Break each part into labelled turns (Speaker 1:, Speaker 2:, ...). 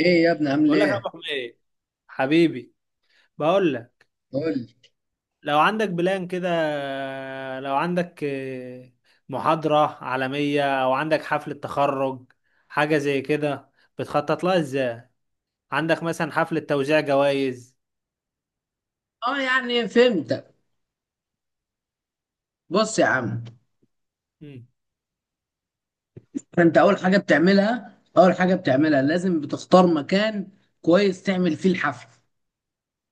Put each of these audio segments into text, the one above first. Speaker 1: ايه يا ابني، عامل
Speaker 2: بقول لك يا
Speaker 1: ايه؟
Speaker 2: ابو حميد، حبيبي، بقول لك،
Speaker 1: قول لي.
Speaker 2: لو عندك بلان كده، لو عندك محاضرة عالمية او عندك حفلة تخرج حاجة زي كده، بتخطط لها ازاي؟ عندك مثلا حفلة توزيع جوائز.
Speaker 1: اه يعني فهمتك. بص يا عم،
Speaker 2: مم.
Speaker 1: انت اول حاجه بتعملها، لازم بتختار مكان كويس تعمل فيه الحفل.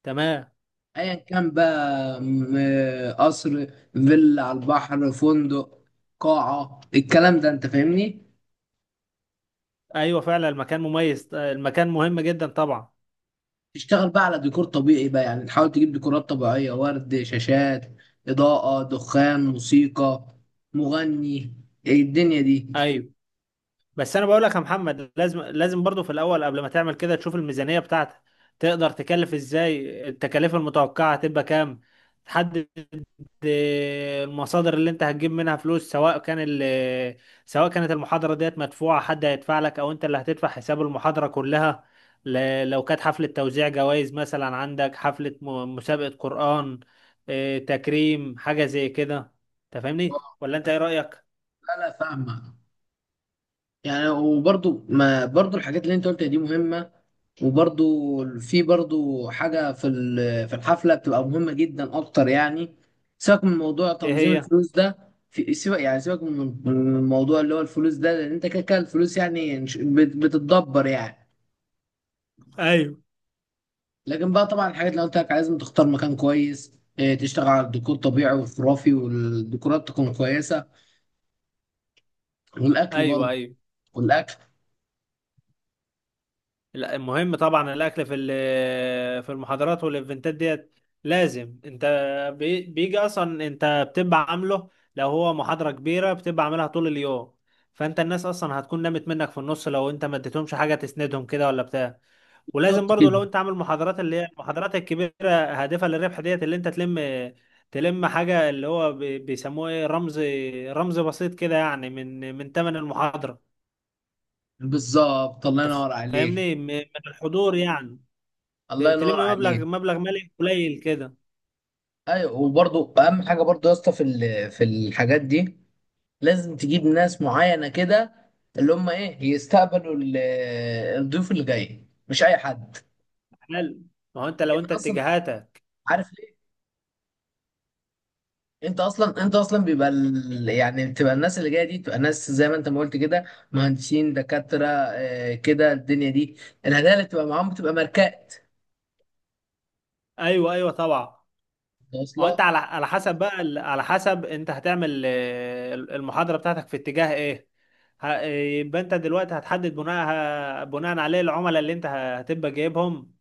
Speaker 2: تمام.
Speaker 1: ايا كان بقى قصر، فيلا على البحر، فندق، قاعه. الكلام ده، انت فاهمني.
Speaker 2: ايوه فعلا المكان مميز، المكان مهم جدا طبعا.
Speaker 1: تشتغل بقى على ديكور طبيعي، بقى يعني تحاول تجيب ديكورات طبيعيه، ورد، شاشات، اضاءه، دخان، موسيقى، مغني. إيه الدنيا دي؟
Speaker 2: ايوه، بس انا بقول لك يا محمد، لازم برضو في الاول قبل ما تعمل كده تشوف الميزانيه بتاعتك. تقدر تكلف ازاي؟ التكاليف المتوقعه هتبقى كام؟ تحدد المصادر اللي انت هتجيب منها فلوس، سواء كان سواء كانت المحاضره ديت مدفوعه حد هيدفع لك، او انت اللي هتدفع حساب المحاضره كلها. لو كانت حفله توزيع جوائز، مثلا عندك حفله مسابقه قران، تكريم حاجه زي كده. انت فاهمني
Speaker 1: اه.
Speaker 2: ولا انت ايه رايك؟
Speaker 1: لا لا، فاهمه. يعني وبرضو ما برضو الحاجات اللي انت قلتها دي مهمة. وبرضو، في برضو حاجة في الحفلة بتبقى مهمة جدا اكتر يعني. سيبك من موضوع
Speaker 2: ايه
Speaker 1: تنظيم
Speaker 2: هي؟
Speaker 1: الفلوس ده، في سيبك يعني سيبك من الموضوع اللي هو الفلوس ده، لان انت كده كده الفلوس يعني بتتدبر يعني.
Speaker 2: ايوه،
Speaker 1: لكن بقى طبعا، الحاجات اللي قلت لك، لازم تختار مكان كويس، اه، تشتغل على الديكور طبيعي وخرافي، والديكورات تكون كويسة، والاكل
Speaker 2: ايوه،
Speaker 1: برضو،
Speaker 2: ايوه.
Speaker 1: والاكل.
Speaker 2: لا المهم طبعا الاكل في في المحاضرات والايفنتات ديت لازم انت بيجي. اصلا انت بتبقى عامله، لو هو محاضرة كبيرة بتبقى عاملها طول اليوم، فانت الناس اصلا هتكون نامت منك في النص لو انت ما اديتهمش حاجة تسندهم كده ولا بتاع. ولازم
Speaker 1: بالظبط
Speaker 2: برضو
Speaker 1: كده.
Speaker 2: لو انت عامل محاضرات اللي هي المحاضرات الكبيرة هادفة للربح ديت، اللي انت تلم، حاجة اللي هو بيسموه ايه، رمز بسيط كده، يعني من تمن المحاضرة.
Speaker 1: بالظبط، الله
Speaker 2: انت
Speaker 1: ينور عليك.
Speaker 2: فاهمني؟ من الحضور يعني.
Speaker 1: الله
Speaker 2: تلم
Speaker 1: ينور عليك.
Speaker 2: مبلغ مالي قليل كده.
Speaker 1: ايوه، وبرضو اهم حاجه برضو يا اسطى في الحاجات دي، لازم تجيب ناس معينه كده، اللي هم ايه، يستقبلوا الضيوف اللي جاي، مش اي حد.
Speaker 2: حلو. ما هو انت لو
Speaker 1: لان
Speaker 2: انت
Speaker 1: اصلا،
Speaker 2: اتجاهاتك.
Speaker 1: عارف ليه، انت اصلا بيبقى يعني بتبقى الناس اللي جايه دي بتبقى ناس زي ما انت ما قلت كده، مهندسين، دكاتره، كده الدنيا دي. الهدايا اللي بتبقى معاهم بتبقى ماركات
Speaker 2: ايوه ايوه طبعا. ما هو انت
Speaker 1: واصله.
Speaker 2: على حسب بقى، على حسب انت هتعمل المحاضره بتاعتك في اتجاه ايه، ه- يبقى انت دلوقتي هتحدد بناء، عليه العملاء اللي انت هتبقى جايبهم.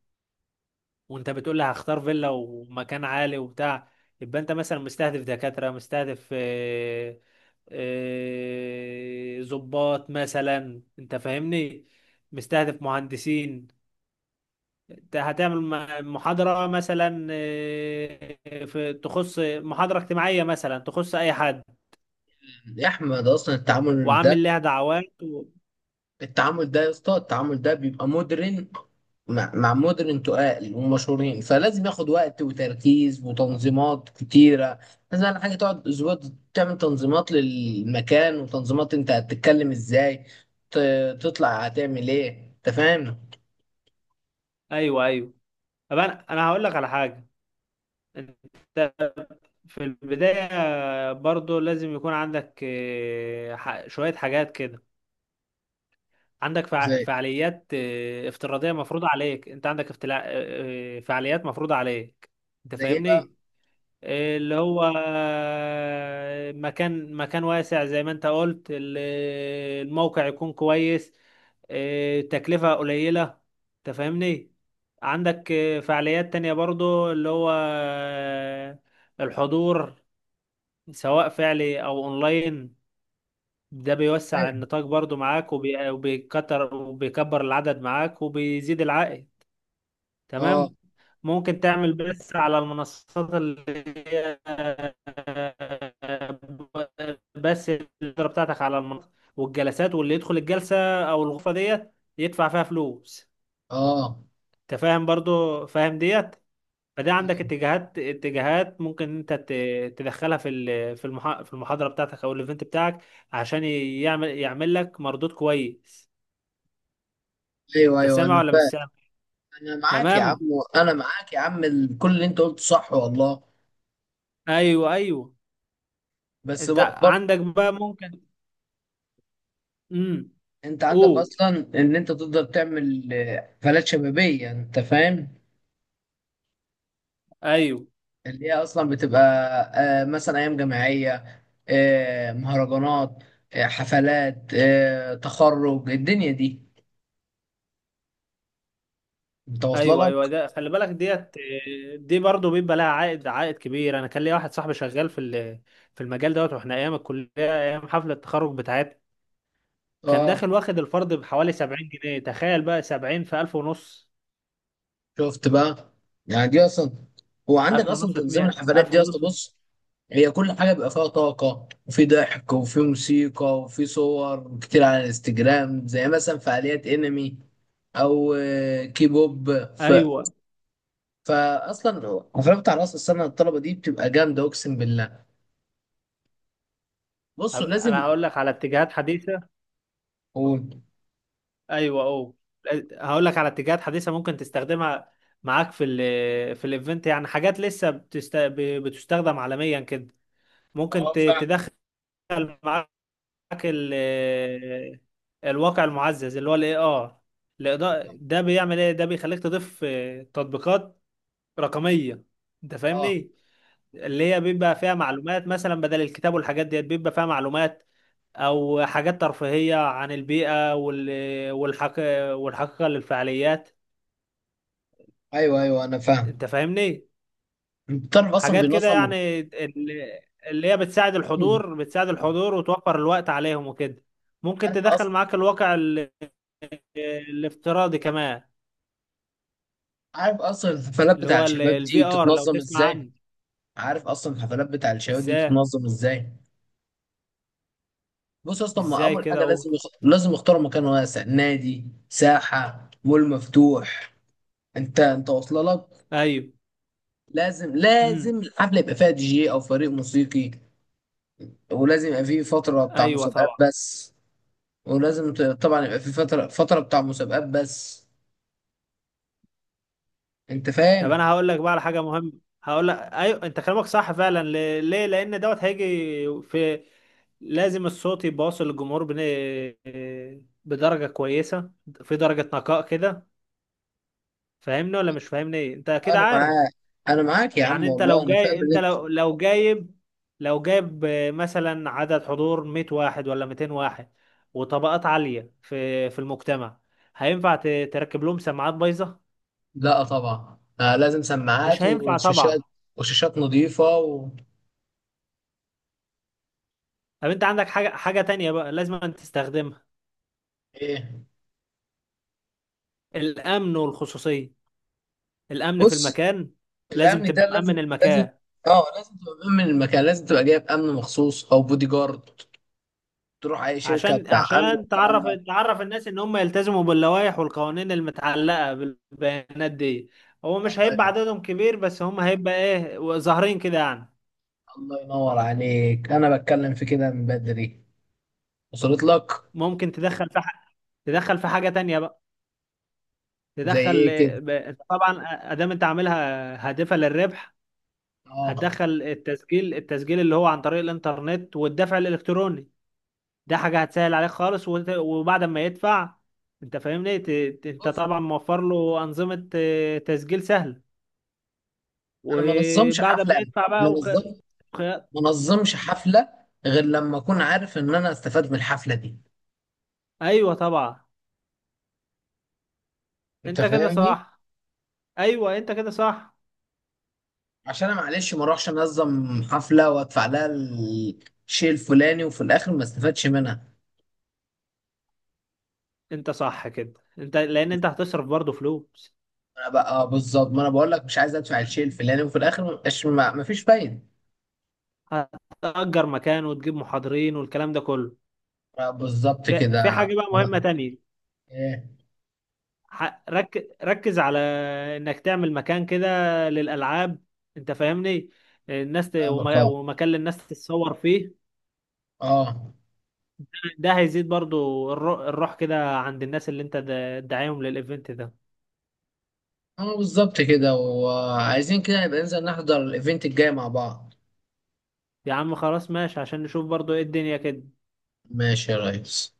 Speaker 2: وانت بتقول لي هختار فيلا ومكان عالي وبتاع، يبقى انت مثلا مستهدف دكاتره، مستهدف ضباط مثلا. انت فاهمني؟ مستهدف مهندسين. هتعمل محاضرة مثلا في تخص محاضرة اجتماعية مثلا تخص أي حد،
Speaker 1: يا احمد، اصلا التعامل ده
Speaker 2: وعامل لها دعوات و...
Speaker 1: التعامل ده يا اسطى، التعامل ده بيبقى مودرن، مع مودرن تقال ومشهورين، فلازم ياخد وقت وتركيز وتنظيمات كتيرة. لازم على حاجة تقعد أسبوع، تعمل تنظيمات للمكان، وتنظيمات أنت هتتكلم إزاي، تطلع هتعمل إيه. أنت فاهم؟
Speaker 2: أيوه أيوه. طب أنا، هقول لك على حاجة. أنت في البداية برضو لازم يكون عندك شوية حاجات كده. عندك
Speaker 1: زي
Speaker 2: فعاليات افتراضية مفروضة عليك. أنت عندك افتلا... آه، آه، فعاليات مفروضة عليك. أنت
Speaker 1: إيه بقى؟
Speaker 2: فاهمني؟ اللي هو مكان واسع زي ما انت قلت، الموقع يكون كويس، اه، تكلفة قليلة. انت فاهمني. عندك فعاليات تانية برضو اللي هو الحضور سواء فعلي او اونلاين. ده بيوسع
Speaker 1: فاهم.
Speaker 2: النطاق برضو معاك، وبيكتر وبيكبر العدد معاك وبيزيد العائد.
Speaker 1: آه
Speaker 2: تمام. ممكن تعمل بث على المنصات اللي هي، بس، الإدارة بتاعتك على المنصة، والجلسات، واللي يدخل الجلسة أو الغرفة ديت يدفع فيها فلوس.
Speaker 1: آه
Speaker 2: أنت فاهم برضو، فاهم ديت. فده عندك
Speaker 1: آه.
Speaker 2: اتجاهات، ممكن انت تدخلها في في المحاضرة بتاعتك او الايفنت بتاعك، عشان يعمل، لك مردود كويس.
Speaker 1: أيوه
Speaker 2: انت
Speaker 1: أيوه،
Speaker 2: سامع
Speaker 1: أنا
Speaker 2: ولا مش
Speaker 1: فاهم.
Speaker 2: سامع؟
Speaker 1: أنا معاك يا عم.
Speaker 2: تمام.
Speaker 1: أنا معاك يا عم، كل اللي أنت قلته صح والله.
Speaker 2: ايوه ايوه.
Speaker 1: بس
Speaker 2: انت عندك بقى ممكن. امم
Speaker 1: انت عندك
Speaker 2: اوه.
Speaker 1: اصلا، ان انت تقدر تعمل حفلات شبابيه. انت فاهم،
Speaker 2: ايوه،
Speaker 1: اللي هي اصلا بتبقى مثلا ايام جامعيه، مهرجانات، حفلات تخرج الدنيا دي. انت واصله
Speaker 2: ايوه،
Speaker 1: لك.
Speaker 2: ايوه، ده خلي بالك ديت. دي برضه بيبقى لها عائد، كبير. انا كان ليا واحد صاحبي شغال في في المجال دوت، واحنا ايام الكليه ايام حفله التخرج بتاعتنا كان
Speaker 1: اه،
Speaker 2: داخل واخد الفرد بحوالي 70 جنيه. تخيل بقى، 70 في 1000 ونص.
Speaker 1: شفت بقى. يعني دي اصلا، هو عندك
Speaker 2: 1000
Speaker 1: اصلا
Speaker 2: ونص في
Speaker 1: تنظيم
Speaker 2: 100.
Speaker 1: الحفلات
Speaker 2: 1000
Speaker 1: دي اصلا.
Speaker 2: ونص.
Speaker 1: بص، هي كل حاجه بيبقى فيها طاقه، وفي ضحك، وفي موسيقى، وفي صور كتير على الانستجرام، زي مثلا فعاليات انمي، او كيبوب. ف...
Speaker 2: ايوه،
Speaker 1: فاصلا حفلات بتاع راس السنه الطلبه دي بتبقى جامده، اقسم بالله. بصوا
Speaker 2: انا
Speaker 1: لازم
Speaker 2: هقول لك على اتجاهات حديثه.
Speaker 1: اقول.
Speaker 2: ايوه اوه. هقول لك على اتجاهات حديثه ممكن تستخدمها معاك في ال في الايفنت، يعني حاجات لسه بتستخدم عالميا كده، ممكن
Speaker 1: اه فاهم.
Speaker 2: تدخل معاك ال- الواقع المعزز اللي هو الاي ار. ده بيعمل ايه؟ ده بيخليك تضيف تطبيقات رقمية. انت
Speaker 1: اه.
Speaker 2: فاهمني؟ اللي هي بيبقى فيها معلومات، مثلا بدل الكتاب والحاجات ديت بيبقى فيها معلومات او حاجات ترفيهية عن البيئة والحق، والحقيقة للفعاليات.
Speaker 1: ايوه ايوه، انا
Speaker 2: انت
Speaker 1: فاهم.
Speaker 2: فاهمني؟
Speaker 1: انت تعرف اصلا
Speaker 2: حاجات كده
Speaker 1: بينظم.
Speaker 2: يعني، اللي، اللي هي بتساعد الحضور، وتوفر الوقت عليهم وكده. ممكن
Speaker 1: عارف
Speaker 2: تدخل
Speaker 1: اصلا
Speaker 2: معاك الواقع الافتراضي كمان،
Speaker 1: عارف اصلا الحفلات
Speaker 2: اللي
Speaker 1: بتاع
Speaker 2: هو
Speaker 1: الشباب دي
Speaker 2: الفي ار لو
Speaker 1: بتتنظم
Speaker 2: تسمع
Speaker 1: ازاي.
Speaker 2: عنه.
Speaker 1: عارف اصلا الحفلات بتاع الشباب دي
Speaker 2: ازاي؟
Speaker 1: بتتنظم ازاي. بص، اصلا ما
Speaker 2: ازاي
Speaker 1: اول
Speaker 2: كده
Speaker 1: حاجه، لازم
Speaker 2: اقول.
Speaker 1: لازم يختاروا مكان واسع، نادي، ساحه، مول مفتوح. انت واصله لك.
Speaker 2: ايوه.
Speaker 1: لازم
Speaker 2: امم.
Speaker 1: لازم الحفله يبقى فيها دي جي او فريق موسيقي. ولازم يبقى فيه فتره بتاع
Speaker 2: ايوه
Speaker 1: مسابقات
Speaker 2: طبعا.
Speaker 1: بس. ولازم طبعا يبقى فيه فتره بتاع مسابقات بس. انت
Speaker 2: طب
Speaker 1: فاهم.
Speaker 2: انا هقول لك بقى على حاجه مهمه. هقول لك ايوه، انت كلامك صح فعلا. ليه؟ لان دوت هيجي في، لازم الصوت يبقى واصل للجمهور بدرجه كويسه، في درجه نقاء كده. فاهمني ولا مش فاهمني؟ ايه انت اكيد
Speaker 1: انا
Speaker 2: عارف.
Speaker 1: معاك. انا معاك يا عم
Speaker 2: يعني انت
Speaker 1: والله،
Speaker 2: لو
Speaker 1: انا فاهم
Speaker 2: جاي،
Speaker 1: اللي
Speaker 2: انت
Speaker 1: انت.
Speaker 2: لو جايب، مثلا عدد حضور 100 واحد ولا 200 واحد، وطبقات عالية في المجتمع، هينفع تركب لهم سماعات بايظة؟
Speaker 1: لا طبعا، آه لازم
Speaker 2: مش
Speaker 1: سماعات
Speaker 2: هينفع طبعا.
Speaker 1: وشاشات، وشاشات نظيفه.
Speaker 2: طب انت عندك حاجة، تانية بقى لازم أن تستخدمها.
Speaker 1: ايه؟
Speaker 2: الامن والخصوصية. الامن في
Speaker 1: بص،
Speaker 2: المكان، لازم
Speaker 1: الامن ده
Speaker 2: تبقى مأمن
Speaker 1: لازم لازم.
Speaker 2: المكان،
Speaker 1: اه، لازم تبقى مأمن المكان، لازم تبقى جايب امن مخصوص او بودي جارد، تروح اي شركه
Speaker 2: عشان
Speaker 1: بتاع امن
Speaker 2: عشان
Speaker 1: والكلام
Speaker 2: تعرف،
Speaker 1: ده.
Speaker 2: الناس ان هم يلتزموا باللوائح والقوانين المتعلقه بالبيانات دي. هو مش هيبقى
Speaker 1: الله.
Speaker 2: عددهم كبير، بس هم هيبقى ايه، ظاهرين كده يعني.
Speaker 1: الله ينور عليك، انا بتكلم في كده من بدري، وصلت لك.
Speaker 2: ممكن تدخل في تدخل في حاجه تانية بقى،
Speaker 1: زي
Speaker 2: تدخل
Speaker 1: ايه كده.
Speaker 2: أنت طبعا ادام انت عاملها هادفه للربح،
Speaker 1: اه.
Speaker 2: هتدخل التسجيل، اللي هو عن طريق الانترنت والدفع الالكتروني. ده حاجه هتسهل عليك خالص وبعد ما يدفع، انت فاهمني، انت
Speaker 1: بص،
Speaker 2: طبعا موفر له انظمه تسجيل سهله.
Speaker 1: انا ما نظمش
Speaker 2: وبعد
Speaker 1: حفله،
Speaker 2: ما يدفع
Speaker 1: ما
Speaker 2: بقى
Speaker 1: نظم
Speaker 2: وخ...
Speaker 1: ما نظمش حفله غير لما اكون عارف ان انا استفاد من الحفله دي،
Speaker 2: ايوه طبعا.
Speaker 1: انت
Speaker 2: انت كده
Speaker 1: فاهمني،
Speaker 2: صح، ايوه انت كده صح.
Speaker 1: عشان انا معلش ما اروحش انظم حفله وادفع لها الشيء الفلاني، وفي الاخر ما استفادش منها.
Speaker 2: انت صح كده. انت لان انت هتصرف برضه فلوس،
Speaker 1: انا بقى آه بالظبط، ما انا بقول لك، مش عايز ادفع الشيء الفلاني، وفي الاخر ما بقاش، ما فيش فايده.
Speaker 2: هتأجر مكان وتجيب محاضرين والكلام ده كله.
Speaker 1: آه بالظبط
Speaker 2: في،
Speaker 1: كده
Speaker 2: حاجة بقى
Speaker 1: آه،
Speaker 2: مهمة تانية.
Speaker 1: ايه؟
Speaker 2: ركز على انك تعمل مكان كده للألعاب. انت فاهمني؟ الناس
Speaker 1: فاهمك. اه.
Speaker 2: ومكان للناس تتصور فيه.
Speaker 1: اه.
Speaker 2: ده هيزيد برضو الروح كده عند الناس اللي انت داعيهم للايفنت ده.
Speaker 1: بالظبط كده، وعايزين كده نبقى ننزل نحضر الايفنت الجاي مع بعض.
Speaker 2: يا عم خلاص ماشي، عشان نشوف برضو ايه الدنيا كده.
Speaker 1: ماشي يا ريس.